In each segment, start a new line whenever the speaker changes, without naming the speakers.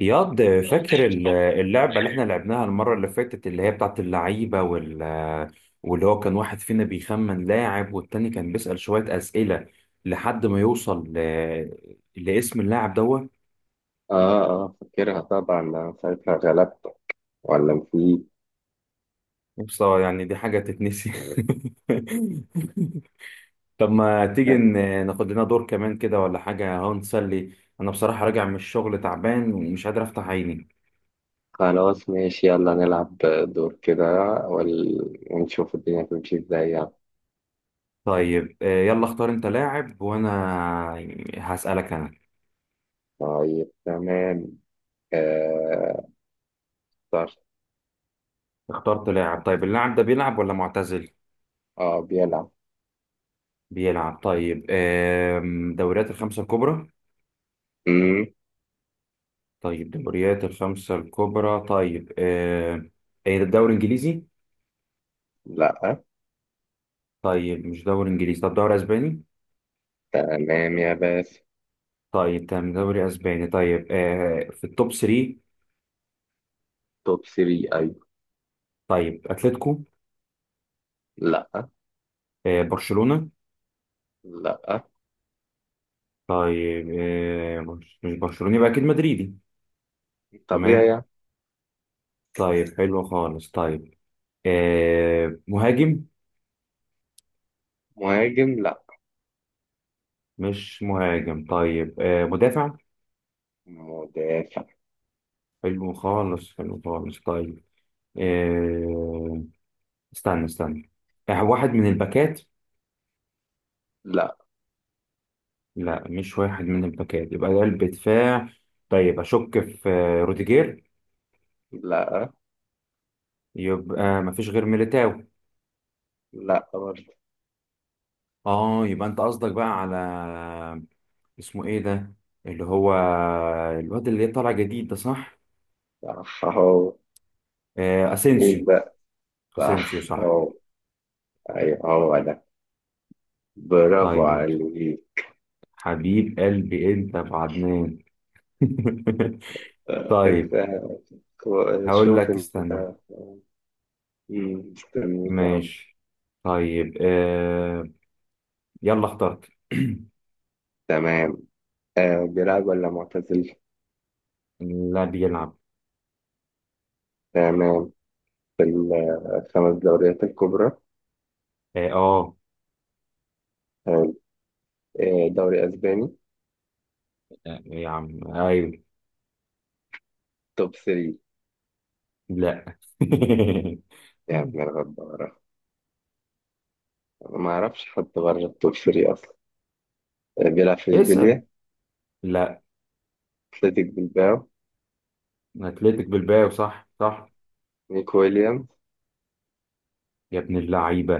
اياد فاكر اللعبة اللي احنا لعبناها المرة اللي فاتت اللي هي بتاعت اللعيبة واللي هو كان واحد فينا بيخمن لاعب والتاني كان بيسأل شوية أسئلة لحد ما يوصل لاسم اللاعب دوت.
اه اه، فاكرها طبعا. ساعتها غلبتك ولا في؟
بصراحة يعني دي حاجة تتنسي. طب ما تيجي ناخد لنا دور كمان كده ولا حاجة اهو نسلي. أنا بصراحة راجع من الشغل تعبان ومش قادر أفتح عيني.
خلاص ماشي، يلا نلعب دور كده، وال... ونشوف الدنيا تمشي ازاي يعني.
طيب يلا اختار أنت لاعب وأنا هسألك أنا.
طيب تمام، آه طرش.
اخترت لاعب طيب اللاعب ده بيلعب ولا معتزل؟
اه، بيلعب.
بيلعب. طيب دوريات الخمسة الكبرى.
مم.
طيب دوريات الخمسة الكبرى. طيب ايه ده الدوري الانجليزي؟
لا.
طيب مش دوري انجليزي. طب دوري اسباني؟
تمام يا باشا.
طيب تمام دوري اسباني. طيب في التوب 3.
توب 3؟ ايوه.
طيب اتلتيكو.
لا.
برشلونة.
لا.
طيب مش برشلونة يبقى اكيد مدريدي.
طبيعي
تمام.
يعني.
طيب حلو خالص. طيب مهاجم.
مهاجم؟ لا.
مش مهاجم. طيب مدافع.
مدافع.
حلو خالص حلو خالص. طيب آه، استنى. واحد من الباكات.
لا.
لا مش واحد من الباكات يبقى ده قلب دفاع. طيب اشك في روديجير.
لا.
يبقى مفيش غير ميليتاو.
لا برضه.
اه يبقى انت قصدك بقى على اسمه ايه ده اللي هو الواد اللي طالع جديد ده صح.
صح اهو. مين
اسينسيو.
بقى؟
اسينسيو
صح
صح.
اهو. ايوه، هو ده. برافو
طيب
عليك.
حبيب قلبي انت يا ابو عدنان.
آه، أنت.
طيب هقول
شوف
لك
انت.
استنى.
مستنيك اهو.
ماشي. طيب يلا اخترت.
تمام. بيلعب ولا معتزل؟
لا بيلعب.
تمام. في الخمس دوريات الكبرى؟
اه آه.
تمام. دوري اسباني؟
يا عم ايوه.
توب 3؟
لا.
يا ابن الغدارة. أنا ما اعرفش حد بره التوب 3 اصلا. بيلعب في
اسأل.
اشبيليا؟
لا.
اتلتيك بلباو؟
اتلتيك بالباو صح صح.
نيك ويليامز.
يا ابن اللعيبة،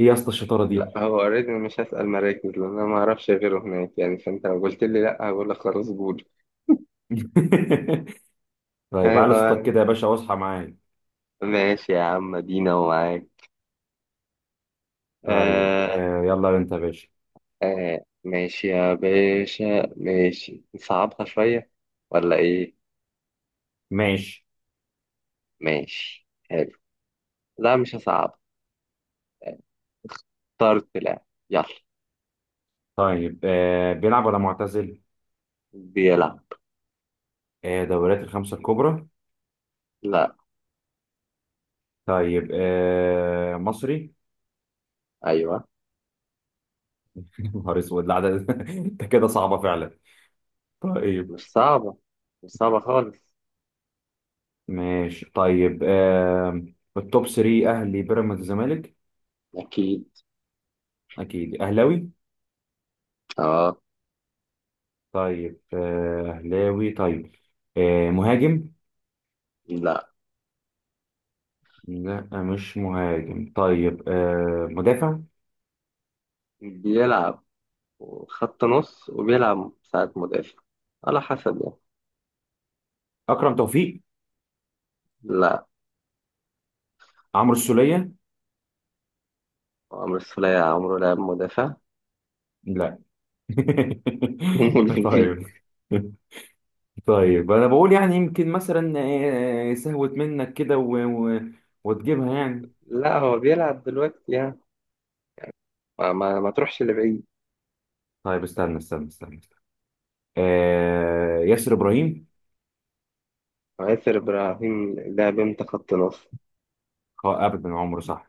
ايه يا اسطى الشطارة
لا،
دي؟
هو اوريدي، أنا مش هسأل مراكز لان انا ما اعرفش غيره هناك يعني، فانت لو قلت لي لا هقول لك خلاص قول.
طيب على صوتك
أيوة.
كده يا باشا واصحى معايا.
ماشي يا عم، دينا ومعاك.
طيب
آه
يلا انت يا باشا.
آه. ماشي يا باشا. ماشي، نصعبها شوية ولا إيه؟
ماشي.
ماشي، حلو. لا، مش هصعب. طرد؟ لا. يلا.
طيب بيلعب ولا معتزل؟
بيلعب.
دوريات الخمسة الكبرى.
لا.
طيب مصري.
أيوة.
يا نهار اسود لا ده. انت كده صعبه فعلا. طيب
مش صعبة، مش صعبة خالص.
ماشي. طيب التوب 3 اهلي بيراميدز الزمالك.
أكيد.
اكيد اهلاوي.
أه.
طيب اهلاوي. طيب مهاجم.
لا،
لا مش مهاجم. طيب مدافع.
بيلعب. خط نص وبيلعب ساعة مدافع، على حسب يعني.
اكرم توفيق.
لا.
عمرو السوليه.
عمرو السولية عمره لعب مدافع.
لا. طيب. طيب انا بقول يعني يمكن مثلا سهوت منك كده وتجيبها يعني.
لا، هو بيلعب دلوقتي يعني. ما تروحش لبعيد.
طيب استنى. ياسر ابراهيم.
ياسر إبراهيم ده بنت خط نص.
اه ابدا عمره صح.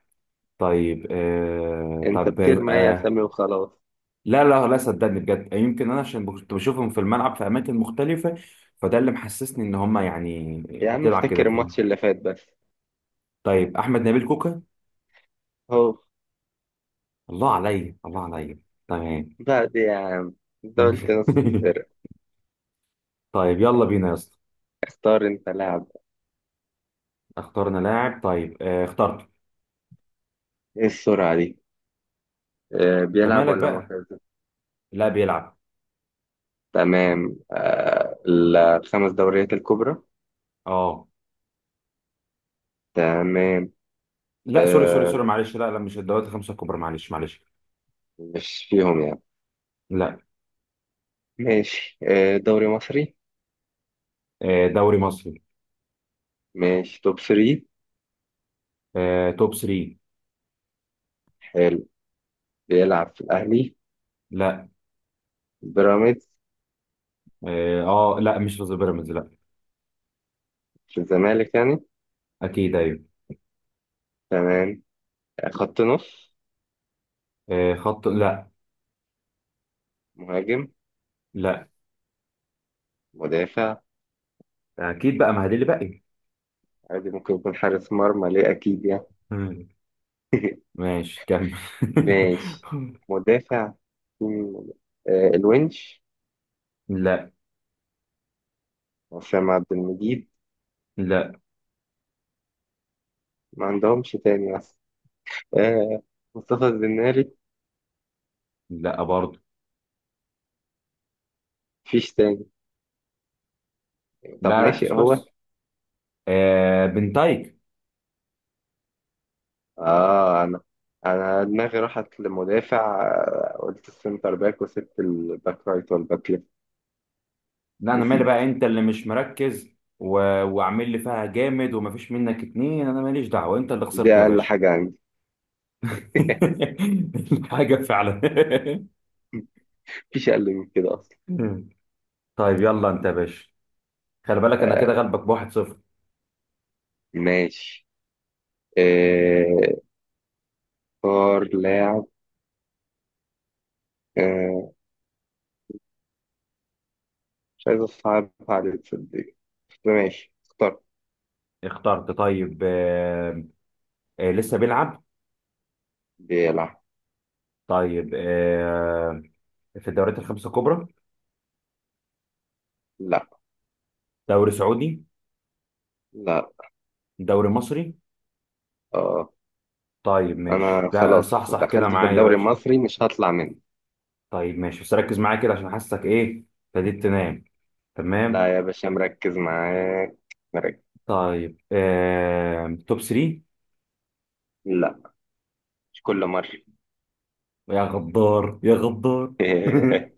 طيب آه
أنت
طب
بترمي أي
آه
أسامي وخلاص.
لا صدقني بجد يمكن انا عشان كنت بشوفهم في الملعب في اماكن مختلفه فده اللي محسسني ان هم يعني
يا عم،
بتلعب كده
افتكر
فاهم.
الماتش اللي فات بس.
طيب احمد نبيل كوكا.
هو.
الله عليا الله عليا. تمام.
بعد يا عم، أنت قلت نص الفرق.
طيب يلا بينا يا اسطى.
اختار أنت لاعب.
اخترنا لاعب. طيب اخترت.
إيه السرعة دي؟
انت
بيلعب
مالك
ولا
بقى؟
معتزل؟
لا بيلعب.
تمام. الخمس دوريات الكبرى؟
اه.
تمام.
لا سوري سوري
آه
سوري معلش. لا مش الدوريات الخمسه الكبرى. معلش.
مش فيهم يعني؟
لا.
ماشي. دوري مصري؟
دوري مصري.
ماشي. توب 3؟
توب 3.
حلو. بيلعب في الأهلي؟
لا
بيراميدز؟
اه. لا مش في بيراميدز لا.
في الزمالك يعني؟
اكيد ايوه.
تمام. خط نص؟
خط لا.
مهاجم؟
لا.
مدافع؟
اكيد بقى ما هدي اللي باقي.
عادي، ممكن يكون حارس مرمى، ليه؟ أكيد يعني.
مم. ماشي كمل.
ماشي. مدافع. مين- الونش؟
لا.
وسام عبد المجيد؟
لا.
ما عندهمش تاني أصلا. آه مصطفى الزناري؟
لا برضه.
مفيش تاني. طب
لا ركز
ناشئ هو؟
كويس. بنتايك.
آه أنا أنا دماغي راحت لمدافع، قلت السنتر باك وسبت الباك رايت والباك ليفت.
لا انا مالي
نسيت.
بقى انت اللي مش مركز. و... وعامل لي فيها جامد ومفيش منك اتنين. انا ماليش دعوه انت اللي
دي
خسرت يا
أقل
باشا.
حاجة عندي.
حاجه فعلا.
مفيش أقل من كده أصلا.
طيب يلا انت يا باشا. خلي بالك انا كده غلبك بواحد صفر.
ماشي. آه، اختار لاعب. آه، مش عايز اصعب عليك تصدق. ماشي، اختار.
اخترت. طيب لسه بيلعب.
بيلعب.
طيب في الدوريات الخمسة الكبرى.
لا.
دوري سعودي.
لا.
دوري مصري.
اه.
طيب ماشي
انا
لا
خلاص
صح صح كده
دخلت في
معايا يا
الدوري
باشا.
المصري، مش هطلع منه.
طيب ماشي بس ركز معايا كده عشان حاسسك ايه ابتديت تنام. تمام.
لا يا باشا، مركز معاك. مركز.
طيب توب 3.
لا. مش كل مرة.
يا غدار يا غدار.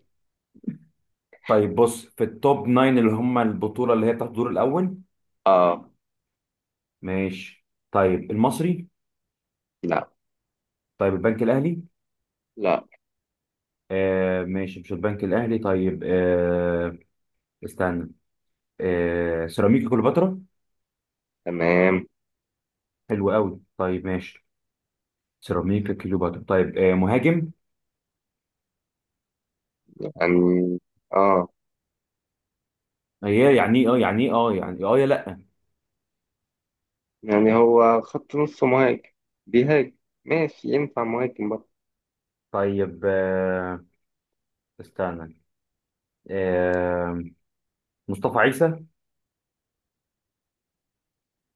طيب بص في التوب 9 اللي هم البطولة اللي هي بتاعت الدور الأول.
اه.
ماشي. طيب المصري.
لا.
طيب البنك الأهلي.
لا.
ماشي مش البنك الاهلي. طيب آه استنى آه سيراميكا كليوباترا.
تمام
حلو قوي. طيب ماشي سيراميكا كليوباترا. طيب مهاجم.
يعني. اه،
هي يعني ايه اه يعني ايه اه يعني إيه؟ اه يا لا.
يعني هو خط نص مهاجم، بيهاجم. ماشي، ينفع مهاجم برضه.
طيب آه استنى آه مصطفى عيسى.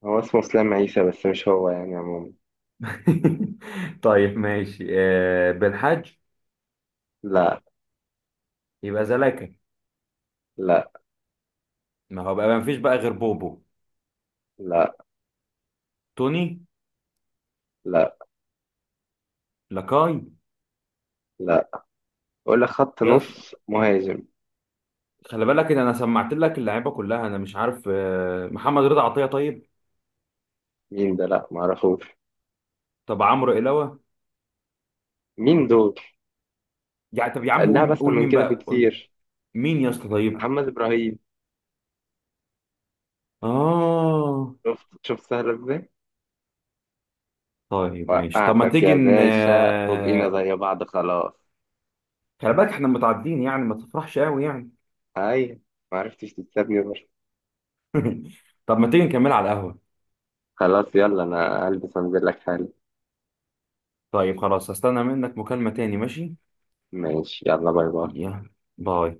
هو اسمه اسلام عيسى، بس مش هو يعني عموما.
طيب ماشي. بن حاج.
لا.
يبقى زلاكا.
لا.
ما هو بقى ما فيش بقى غير بوبو.
لا.
توني.
لا.
لاكاي.
لا. ولا خط
يس.
نص مهاجم؟
خلي بالك ان انا سمعت لك اللعيبه كلها انا مش عارف. محمد رضا عطيه. طيب
مين ده؟ لا معرفوش.
طب عمرو إلاوة
مين دول؟
يعني. طب يا عم
اللعبة
قول
اسهل من
مين
كده
بقى قول.
بكتير.
مين يا اسطى؟ طيب
محمد ابراهيم.
اه.
شفت شفت؟ سهل ازاي.
طيب ماشي طب ما
وقعتك
تيجي
يا
ن
باشا، وبقينا
آه،
زي بعض خلاص.
خلي بالك احنا متعدين يعني ما تفرحش قوي يعني.
هاي. معرفتش تكسبني برضه.
طب ما تيجي نكمل على القهوة.
خلاص، يلا انا هلبس وانزل لك حالا.
طيب خلاص هستنى منك مكالمة تاني. ماشي
ماشي، يلا باي باي.
يلا باي.